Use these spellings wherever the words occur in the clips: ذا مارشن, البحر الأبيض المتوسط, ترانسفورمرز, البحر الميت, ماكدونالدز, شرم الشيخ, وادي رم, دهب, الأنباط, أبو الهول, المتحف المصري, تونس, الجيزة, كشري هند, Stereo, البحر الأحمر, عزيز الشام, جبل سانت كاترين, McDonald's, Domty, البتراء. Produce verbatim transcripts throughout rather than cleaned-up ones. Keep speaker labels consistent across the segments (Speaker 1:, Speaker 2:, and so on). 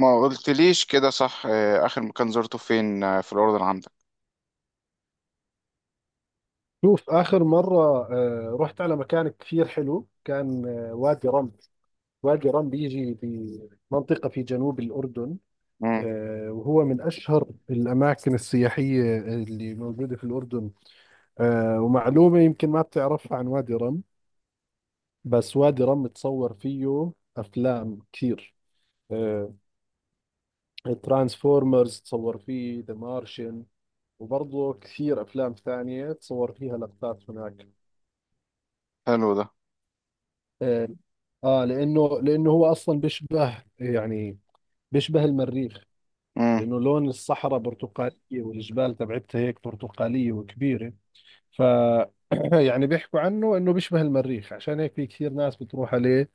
Speaker 1: ما قلتليش كده، صح؟ آه، اخر مكان زرته فين؟ آه، في الاردن، عندك؟
Speaker 2: شوف آخر مرة، آه، رحت على مكان كثير حلو كان آه، وادي رم. وادي رم بيجي بمنطقة في جنوب الأردن.
Speaker 1: امم.
Speaker 2: آه، وهو من أشهر الأماكن السياحية اللي موجودة في الأردن. آه، ومعلومة يمكن ما بتعرفها عن وادي رم، بس وادي رم تصور فيه أفلام كثير. ترانسفورمرز تصور فيه ذا مارشن، وبرضه كثير أفلام ثانية تصور فيها لقطات هناك.
Speaker 1: حلو ده.
Speaker 2: اه. آه، لانه لانه هو اصلا بيشبه، يعني بيشبه المريخ.
Speaker 1: امم.
Speaker 2: لانه لون الصحراء برتقاليه، والجبال تبعتها هيك برتقاليه وكبيره. ف يعني بيحكوا عنه انه بيشبه المريخ، عشان هيك في كثير ناس بتروح عليه.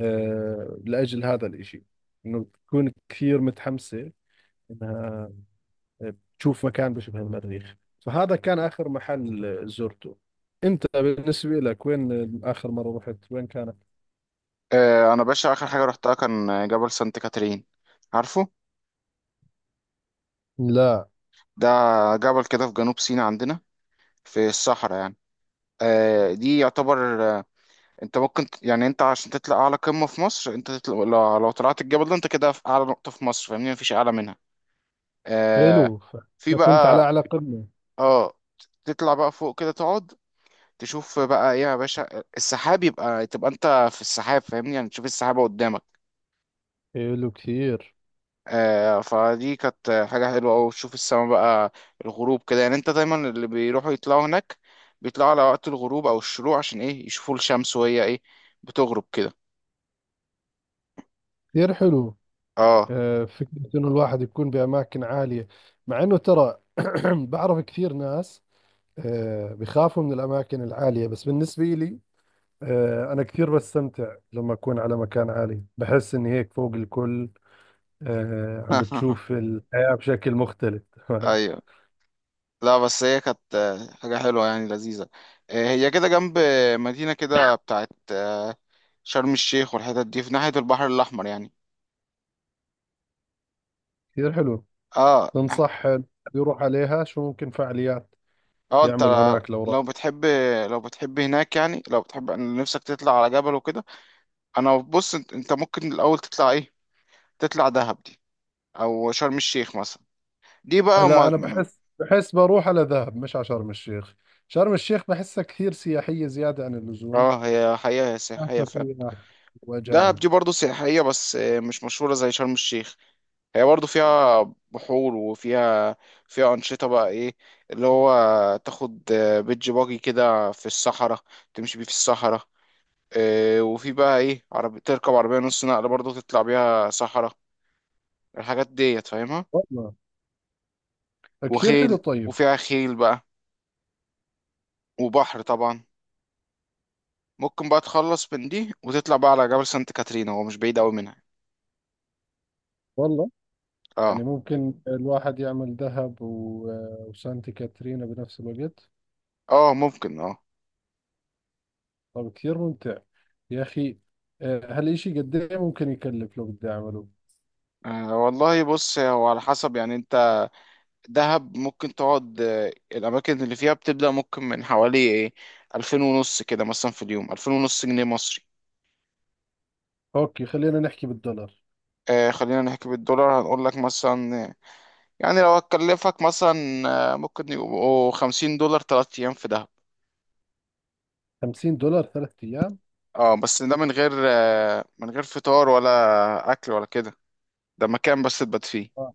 Speaker 2: آه لاجل هذا الاشي، انه بتكون كثير متحمسه انها تشوف مكان بيشبه المريخ. فهذا كان اخر محل زرته. انت بالنسبه لك، وين اخر مره رحت، وين كانت؟
Speaker 1: آه، انا باشا، اخر حاجه رحتها كان جبل سانت كاترين. عارفه؟
Speaker 2: لا.
Speaker 1: ده جبل كده في جنوب سيناء عندنا، في الصحراء يعني. آه، دي يعتبر، آه، انت ممكن ت- يعني انت عشان تطلع اعلى قمه في مصر، انت تطلع لو, لو طلعت الجبل ده، انت كده في اعلى نقطه في مصر، فاهمني، مفيش اعلى منها. آه،
Speaker 2: حلو ف-
Speaker 1: في
Speaker 2: أنا كنت على
Speaker 1: بقى.
Speaker 2: أعلى قمة.
Speaker 1: اه. تطلع بقى فوق كده، تقعد تشوف بقى ايه يا باشا، السحاب، يبقى تبقى انت في السحاب، فاهمني يعني تشوف السحابة قدامك.
Speaker 2: حلو كثير.
Speaker 1: آه فدي كانت حاجة حلوة أوي، تشوف السما بقى، الغروب كده. يعني انت دايما، اللي بيروحوا يطلعوا هناك بيطلعوا على وقت الغروب أو الشروق، عشان ايه؟ يشوفوا الشمس وهي ايه، بتغرب كده.
Speaker 2: كثير حلو.
Speaker 1: اه.
Speaker 2: آه، فكرة إنه الواحد يكون بأماكن عالية، مع إنه ترى، بعرف كثير ناس آه، بخافوا من الأماكن العالية. بس بالنسبة لي، آه، أنا كثير بستمتع لما أكون على مكان عالي. بحس إني هيك فوق الكل، آه، عم بتشوف الحياة بشكل مختلف. تمام.
Speaker 1: ايوه. لا، بس هي كانت آه، حاجة حلوة يعني، لذيذة. آه، هي كده جنب آه، مدينة كده بتاعت آه، شرم الشيخ، والحتت دي في ناحية البحر الأحمر يعني.
Speaker 2: كثير حلو.
Speaker 1: اه.
Speaker 2: تنصح يروح عليها شو ممكن فعاليات
Speaker 1: اه، انت،
Speaker 2: يعمل هناك لو راح؟
Speaker 1: لو بتحب، لو بتحب هناك، يعني لو بتحب ان نفسك تطلع على جبل وكده. انا بص، انت انت ممكن الاول تطلع ايه؟ تطلع دهب دي، او شرم الشيخ مثلا. دي بقى
Speaker 2: لا،
Speaker 1: ما...
Speaker 2: انا بحس بحس بروح على دهب مش على شرم الشيخ. شرم الشيخ بحسها كثير سياحية زيادة عن اللزوم.
Speaker 1: اه، هي حقيقة هي سياحية
Speaker 2: حتى
Speaker 1: فعلا.
Speaker 2: سياح
Speaker 1: دهب
Speaker 2: واجانب.
Speaker 1: دي برضو سياحية، بس مش مشهورة زي شرم الشيخ. هي برضو فيها بحور، وفيها فيها أنشطة بقى، ايه اللي هو، تاخد بيتش باجي كده في الصحراء، تمشي بيه في الصحراء. آه، وفي بقى ايه، عربي، تركب عربية نص نقل برضه، تطلع بيها صحراء، الحاجات ديت فاهمها،
Speaker 2: والله، كثير حلو.
Speaker 1: وخيل،
Speaker 2: طيب.
Speaker 1: وفيها خيل بقى، وبحر طبعا. ممكن بقى تخلص من دي وتطلع بقى على جبل سانت كاترينا، هو مش بعيد قوي منها.
Speaker 2: والله،
Speaker 1: اه.
Speaker 2: يعني ممكن الواحد يعمل دهب و- وسانتي كاترينا بنفس الوقت.
Speaker 1: اه، ممكن، اه.
Speaker 2: طب كثير ممتع يا اخي. آه، هالإشي قد ايه ممكن يكلف لو بدي اعمله؟
Speaker 1: آه، والله بص، هو على حسب يعني. انت دهب ممكن تقعد، آه، الأماكن اللي فيها بتبدأ ممكن من حوالي ايه، ألفين ونص كده مثلا، في اليوم ألفين ونص جنيه مصري.
Speaker 2: اوكي، خلينا نحكي بالدولار.
Speaker 1: آه خلينا نحكي بالدولار. هنقول لك مثلا، يعني لو هتكلفك مثلا، آه، ممكن يبقوا خمسين دولار تلات أيام في دهب.
Speaker 2: خمسين دولار ثلاث ايام؟
Speaker 1: اه، بس ده من غير آه، من غير فطار ولا أكل ولا كده. ده مكان بس تبات فيه.
Speaker 2: اه.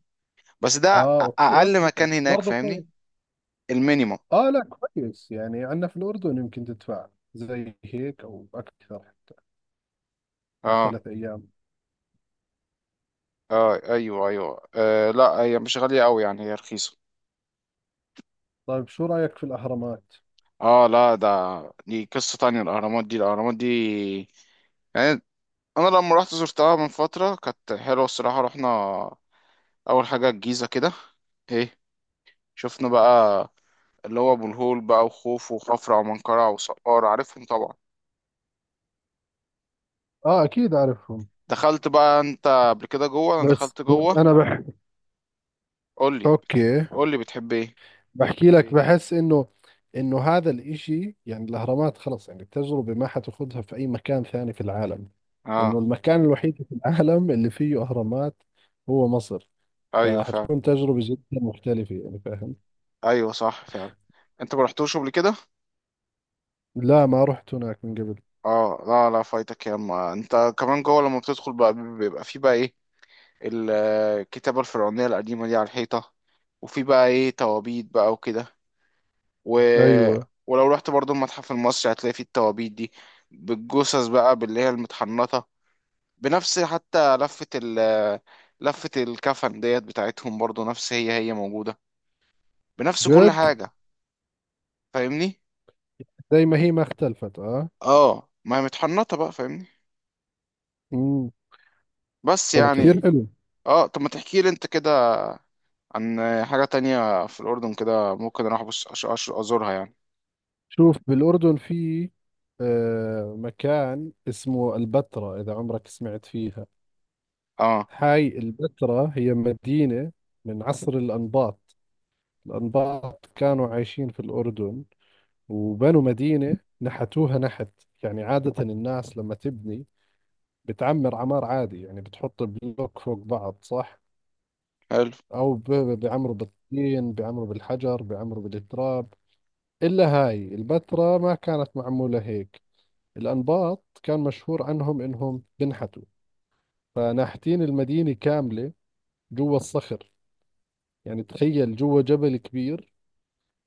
Speaker 1: بس ده
Speaker 2: آه،
Speaker 1: أ-
Speaker 2: اوكي،
Speaker 1: أقل
Speaker 2: اوكي، طب
Speaker 1: مكان هناك،
Speaker 2: برضه.
Speaker 1: فاهمني. المينيمم.
Speaker 2: اه، لا كويس، يعني عندنا في الأردن يمكن تدفع زي هيك أو أكثر حتى، على
Speaker 1: اه.
Speaker 2: ثلاث أيام.
Speaker 1: اه، ايوه، ايوه. آه لا، هي مش غالية أوي يعني، هي رخيصة.
Speaker 2: طيب شو رأيك في الأهرامات؟
Speaker 1: اه، لا ده، دي قصة تانية. الأهرامات دي، الأهرامات دي يعني، أنا لما رحت زرتها من فترة كانت حلوة الصراحة. رحنا أول حاجة الجيزة كده، ايه، شفنا بقى اللي هو ابو الهول بقى، وخوف وخفرع ومنقرع وسقارة، عارفهم طبعا.
Speaker 2: اه، اكيد اعرفهم.
Speaker 1: دخلت بقى انت قبل كده جوه؟ انا
Speaker 2: بس
Speaker 1: دخلت
Speaker 2: بس
Speaker 1: جوه.
Speaker 2: انا بح...
Speaker 1: قول لي بتحب،
Speaker 2: اوكي،
Speaker 1: قول لي بتحب ايه.
Speaker 2: بحكي لك. بحس انه انه هذا الاشي، يعني الاهرامات، خلص، يعني التجربة ما حتاخذها في اي مكان ثاني في العالم. انه
Speaker 1: اه،
Speaker 2: المكان الوحيد في العالم اللي فيه اهرامات هو مصر.
Speaker 1: ايوه فعلا.
Speaker 2: فحتكون تجربة جدا مختلفة، يعني فاهم.
Speaker 1: ايوه صح فعلا. انت ما رحتوش قبل كده؟
Speaker 2: لا، ما رحت هناك من قبل.
Speaker 1: اه، لا لا، فايتك يا اما. انت كمان جوه لما بتدخل بقى، بيبقى في بقى ايه، ال- الكتابة الفرعونية القديمة دي على الحيطة، وفي بقى ايه توابيت بقى وكده، و...
Speaker 2: ايوه.
Speaker 1: ولو رحت برضو المتحف المصري هتلاقي فيه التوابيت دي، بالجثث بقى، باللي هي المتحنطة، بنفس حتى لفة ال، لفة الكفن ديت بتاعتهم، برضو نفس، هي هي موجودة بنفس كل
Speaker 2: جد.
Speaker 1: حاجة، فاهمني.
Speaker 2: زي ما هي، ما اختلفت. اه.
Speaker 1: اه، ما هي متحنطة بقى، فاهمني.
Speaker 2: مم.
Speaker 1: بس
Speaker 2: طب كثير
Speaker 1: يعني،
Speaker 2: حلو.
Speaker 1: اه، طب ما تحكي لي انت كده عن حاجة تانية في الأردن كده ممكن اروح ابص، أش- أش- ازورها يعني.
Speaker 2: شوف، بالأردن في آه مكان اسمه البتراء، إذا عمرك سمعت فيها.
Speaker 1: اه.
Speaker 2: هاي البتراء هي مدينة من عصر الأنباط. الأنباط كانوا عايشين في الأردن، وبنوا مدينة نحتوها نحت. يعني عادة الناس لما تبني بتعمر عمار عادي، يعني بتحط بلوك فوق بعض، صح؟
Speaker 1: حلو.
Speaker 2: أو ب- ب- بيعمروا بالطين، بيعمروا بالحجر، بيعمروا بالتراب. إلا هاي البتراء ما كانت معمولة هيك. الأنباط كان مشهور عنهم إنهم بنحتوا، فناحتين المدينة كاملة جوا الصخر. يعني تخيل، جوا جبل كبير.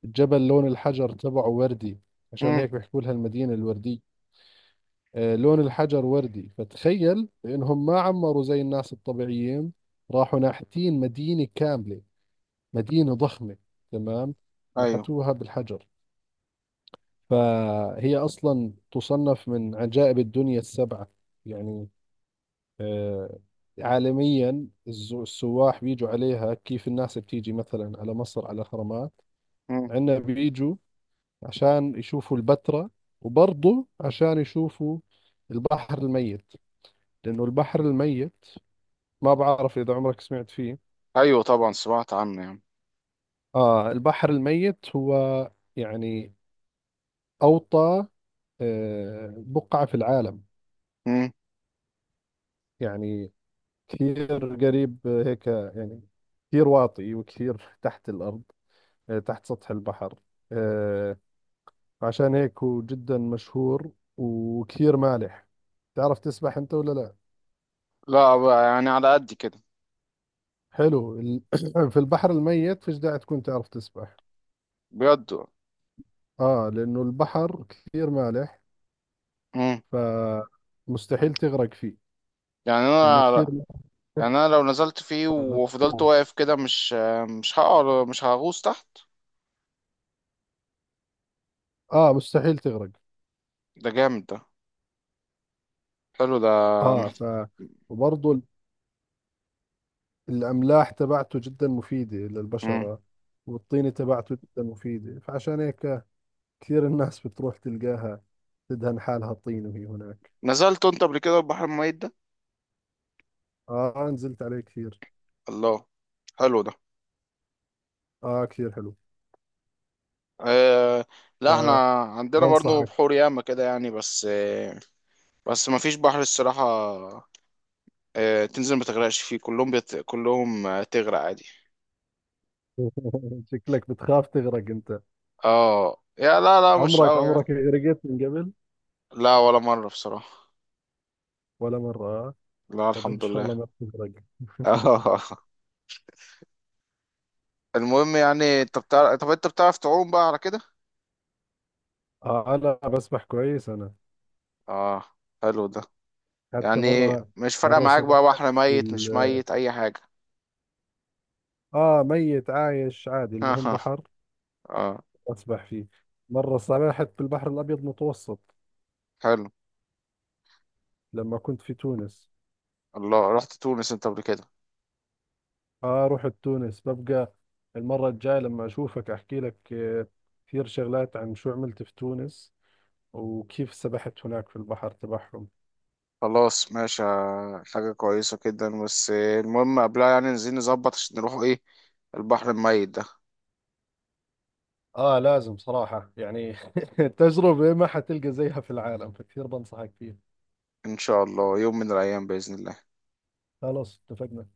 Speaker 2: الجبل لون الحجر تبعه وردي، عشان
Speaker 1: مم.
Speaker 2: هيك بيحكوا لها المدينة الوردية. آه، لون الحجر وردي، فتخيل إنهم ما عمروا زي الناس الطبيعيين. راحوا ناحتين مدينة كاملة، مدينة ضخمة. تمام.
Speaker 1: ايوه.
Speaker 2: نحتوها بالحجر. فهي أصلا تصنف من عجائب الدنيا السبعة. يعني، آه، عالميا، الز- السواح بيجوا عليها، كيف الناس بتيجي مثلا على مصر على الأهرامات.
Speaker 1: مم.
Speaker 2: عندنا بيجوا عشان يشوفوا البتراء، وبرضه عشان يشوفوا البحر الميت. لأنه البحر الميت، ما بعرف إذا عمرك سمعت فيه.
Speaker 1: ايوه، طبعا سمعت عنه يعني.
Speaker 2: آه البحر الميت هو، يعني، أوطى آه، بقعة في العالم.
Speaker 1: مم.
Speaker 2: يعني كثير قريب هيك يعني. كثير واطي، وكثير تحت الأرض، آه، تحت سطح البحر. آه، عشان هيك هو جدا مشهور. وكثير مالح. تعرف تسبح أنت ولا لا؟
Speaker 1: لا بقى يعني، على قد كده.
Speaker 2: حلو ال- في البحر الميت فيش داعي تكون تعرف تسبح.
Speaker 1: بجد.
Speaker 2: آه لأنه البحر كثير مالح.
Speaker 1: مم.
Speaker 2: فمستحيل تغرق فيه،
Speaker 1: يعني
Speaker 2: لأنه
Speaker 1: انا،
Speaker 2: كثير مالح.
Speaker 1: يعني انا لو نزلت فيه وفضلت
Speaker 2: طول.
Speaker 1: واقف كده مش، مش هقع، مش هغوص تحت؟
Speaker 2: آه مستحيل تغرق.
Speaker 1: ده جامد ده. حلو ده.
Speaker 2: آه ف
Speaker 1: محت-
Speaker 2: وبرضه الأملاح تبعته جدا مفيدة
Speaker 1: مم.
Speaker 2: للبشرة، والطينة تبعته جدا مفيدة. فعشان هيك كثير الناس بتروح تلقاها، تدهن حالها طين وهي هناك.
Speaker 1: نزلت انت قبل كده البحر الميت ده؟
Speaker 2: آه نزلت عليه كثير.
Speaker 1: الله. حلو ده.
Speaker 2: آه كثير حلو.
Speaker 1: آه لا، احنا عندنا برضه
Speaker 2: فبنصحك.
Speaker 1: بحور ياما كده يعني، بس آه بس ما فيش بحر الصراحة. آه تنزل ما تغرقش فيه كلهم، بيت... كلهم، آه، تغرق عادي.
Speaker 2: شكلك بتخاف تغرق أنت.
Speaker 1: اه، يا، لا لا مش
Speaker 2: عمرك
Speaker 1: قوي يعني.
Speaker 2: عمرك غرقت من قبل؟
Speaker 1: لا، ولا مرة بصراحة.
Speaker 2: ولا مرة آه
Speaker 1: لا،
Speaker 2: طب إن
Speaker 1: الحمد
Speaker 2: شاء
Speaker 1: لله.
Speaker 2: الله ما بتغرق.
Speaker 1: المهم يعني، انت بتعرف، طب انت بتعرف تعوم بقى على كده؟
Speaker 2: آه لا، بسبح كويس أنا.
Speaker 1: اه. حلو ده.
Speaker 2: حتى
Speaker 1: يعني
Speaker 2: مرة،
Speaker 1: مش فارقه
Speaker 2: مرة
Speaker 1: معاك بقى،
Speaker 2: سبحت
Speaker 1: بحر ميت مش
Speaker 2: بال
Speaker 1: ميت، اي حاجه.
Speaker 2: آه ميت عايش عادي، المهم بحر
Speaker 1: اه.
Speaker 2: أسبح فيه. مرة سبحت في البحر الأبيض المتوسط
Speaker 1: حلو.
Speaker 2: لما كنت في تونس.
Speaker 1: الله، رحت تونس انت قبل كده؟
Speaker 2: آه رحت تونس. ببقى المرة الجاية لما أشوفك أحكي لك آه، كثير شغلات عن شو عملت في تونس، وكيف سبحت هناك في البحر تبعهم.
Speaker 1: خلاص ماشي. آه، حاجه كويسه جدا. بس آه، المهم قبلها يعني، عايزين نظبط عشان نروحوا ايه، البحر الميت ده.
Speaker 2: آه لازم صراحة يعني. تجربة ما حتلقى زيها في العالم، فكثير بنصحك فيها.
Speaker 1: ان شاء الله يوم من الايام باذن الله.
Speaker 2: خلاص اتفقنا.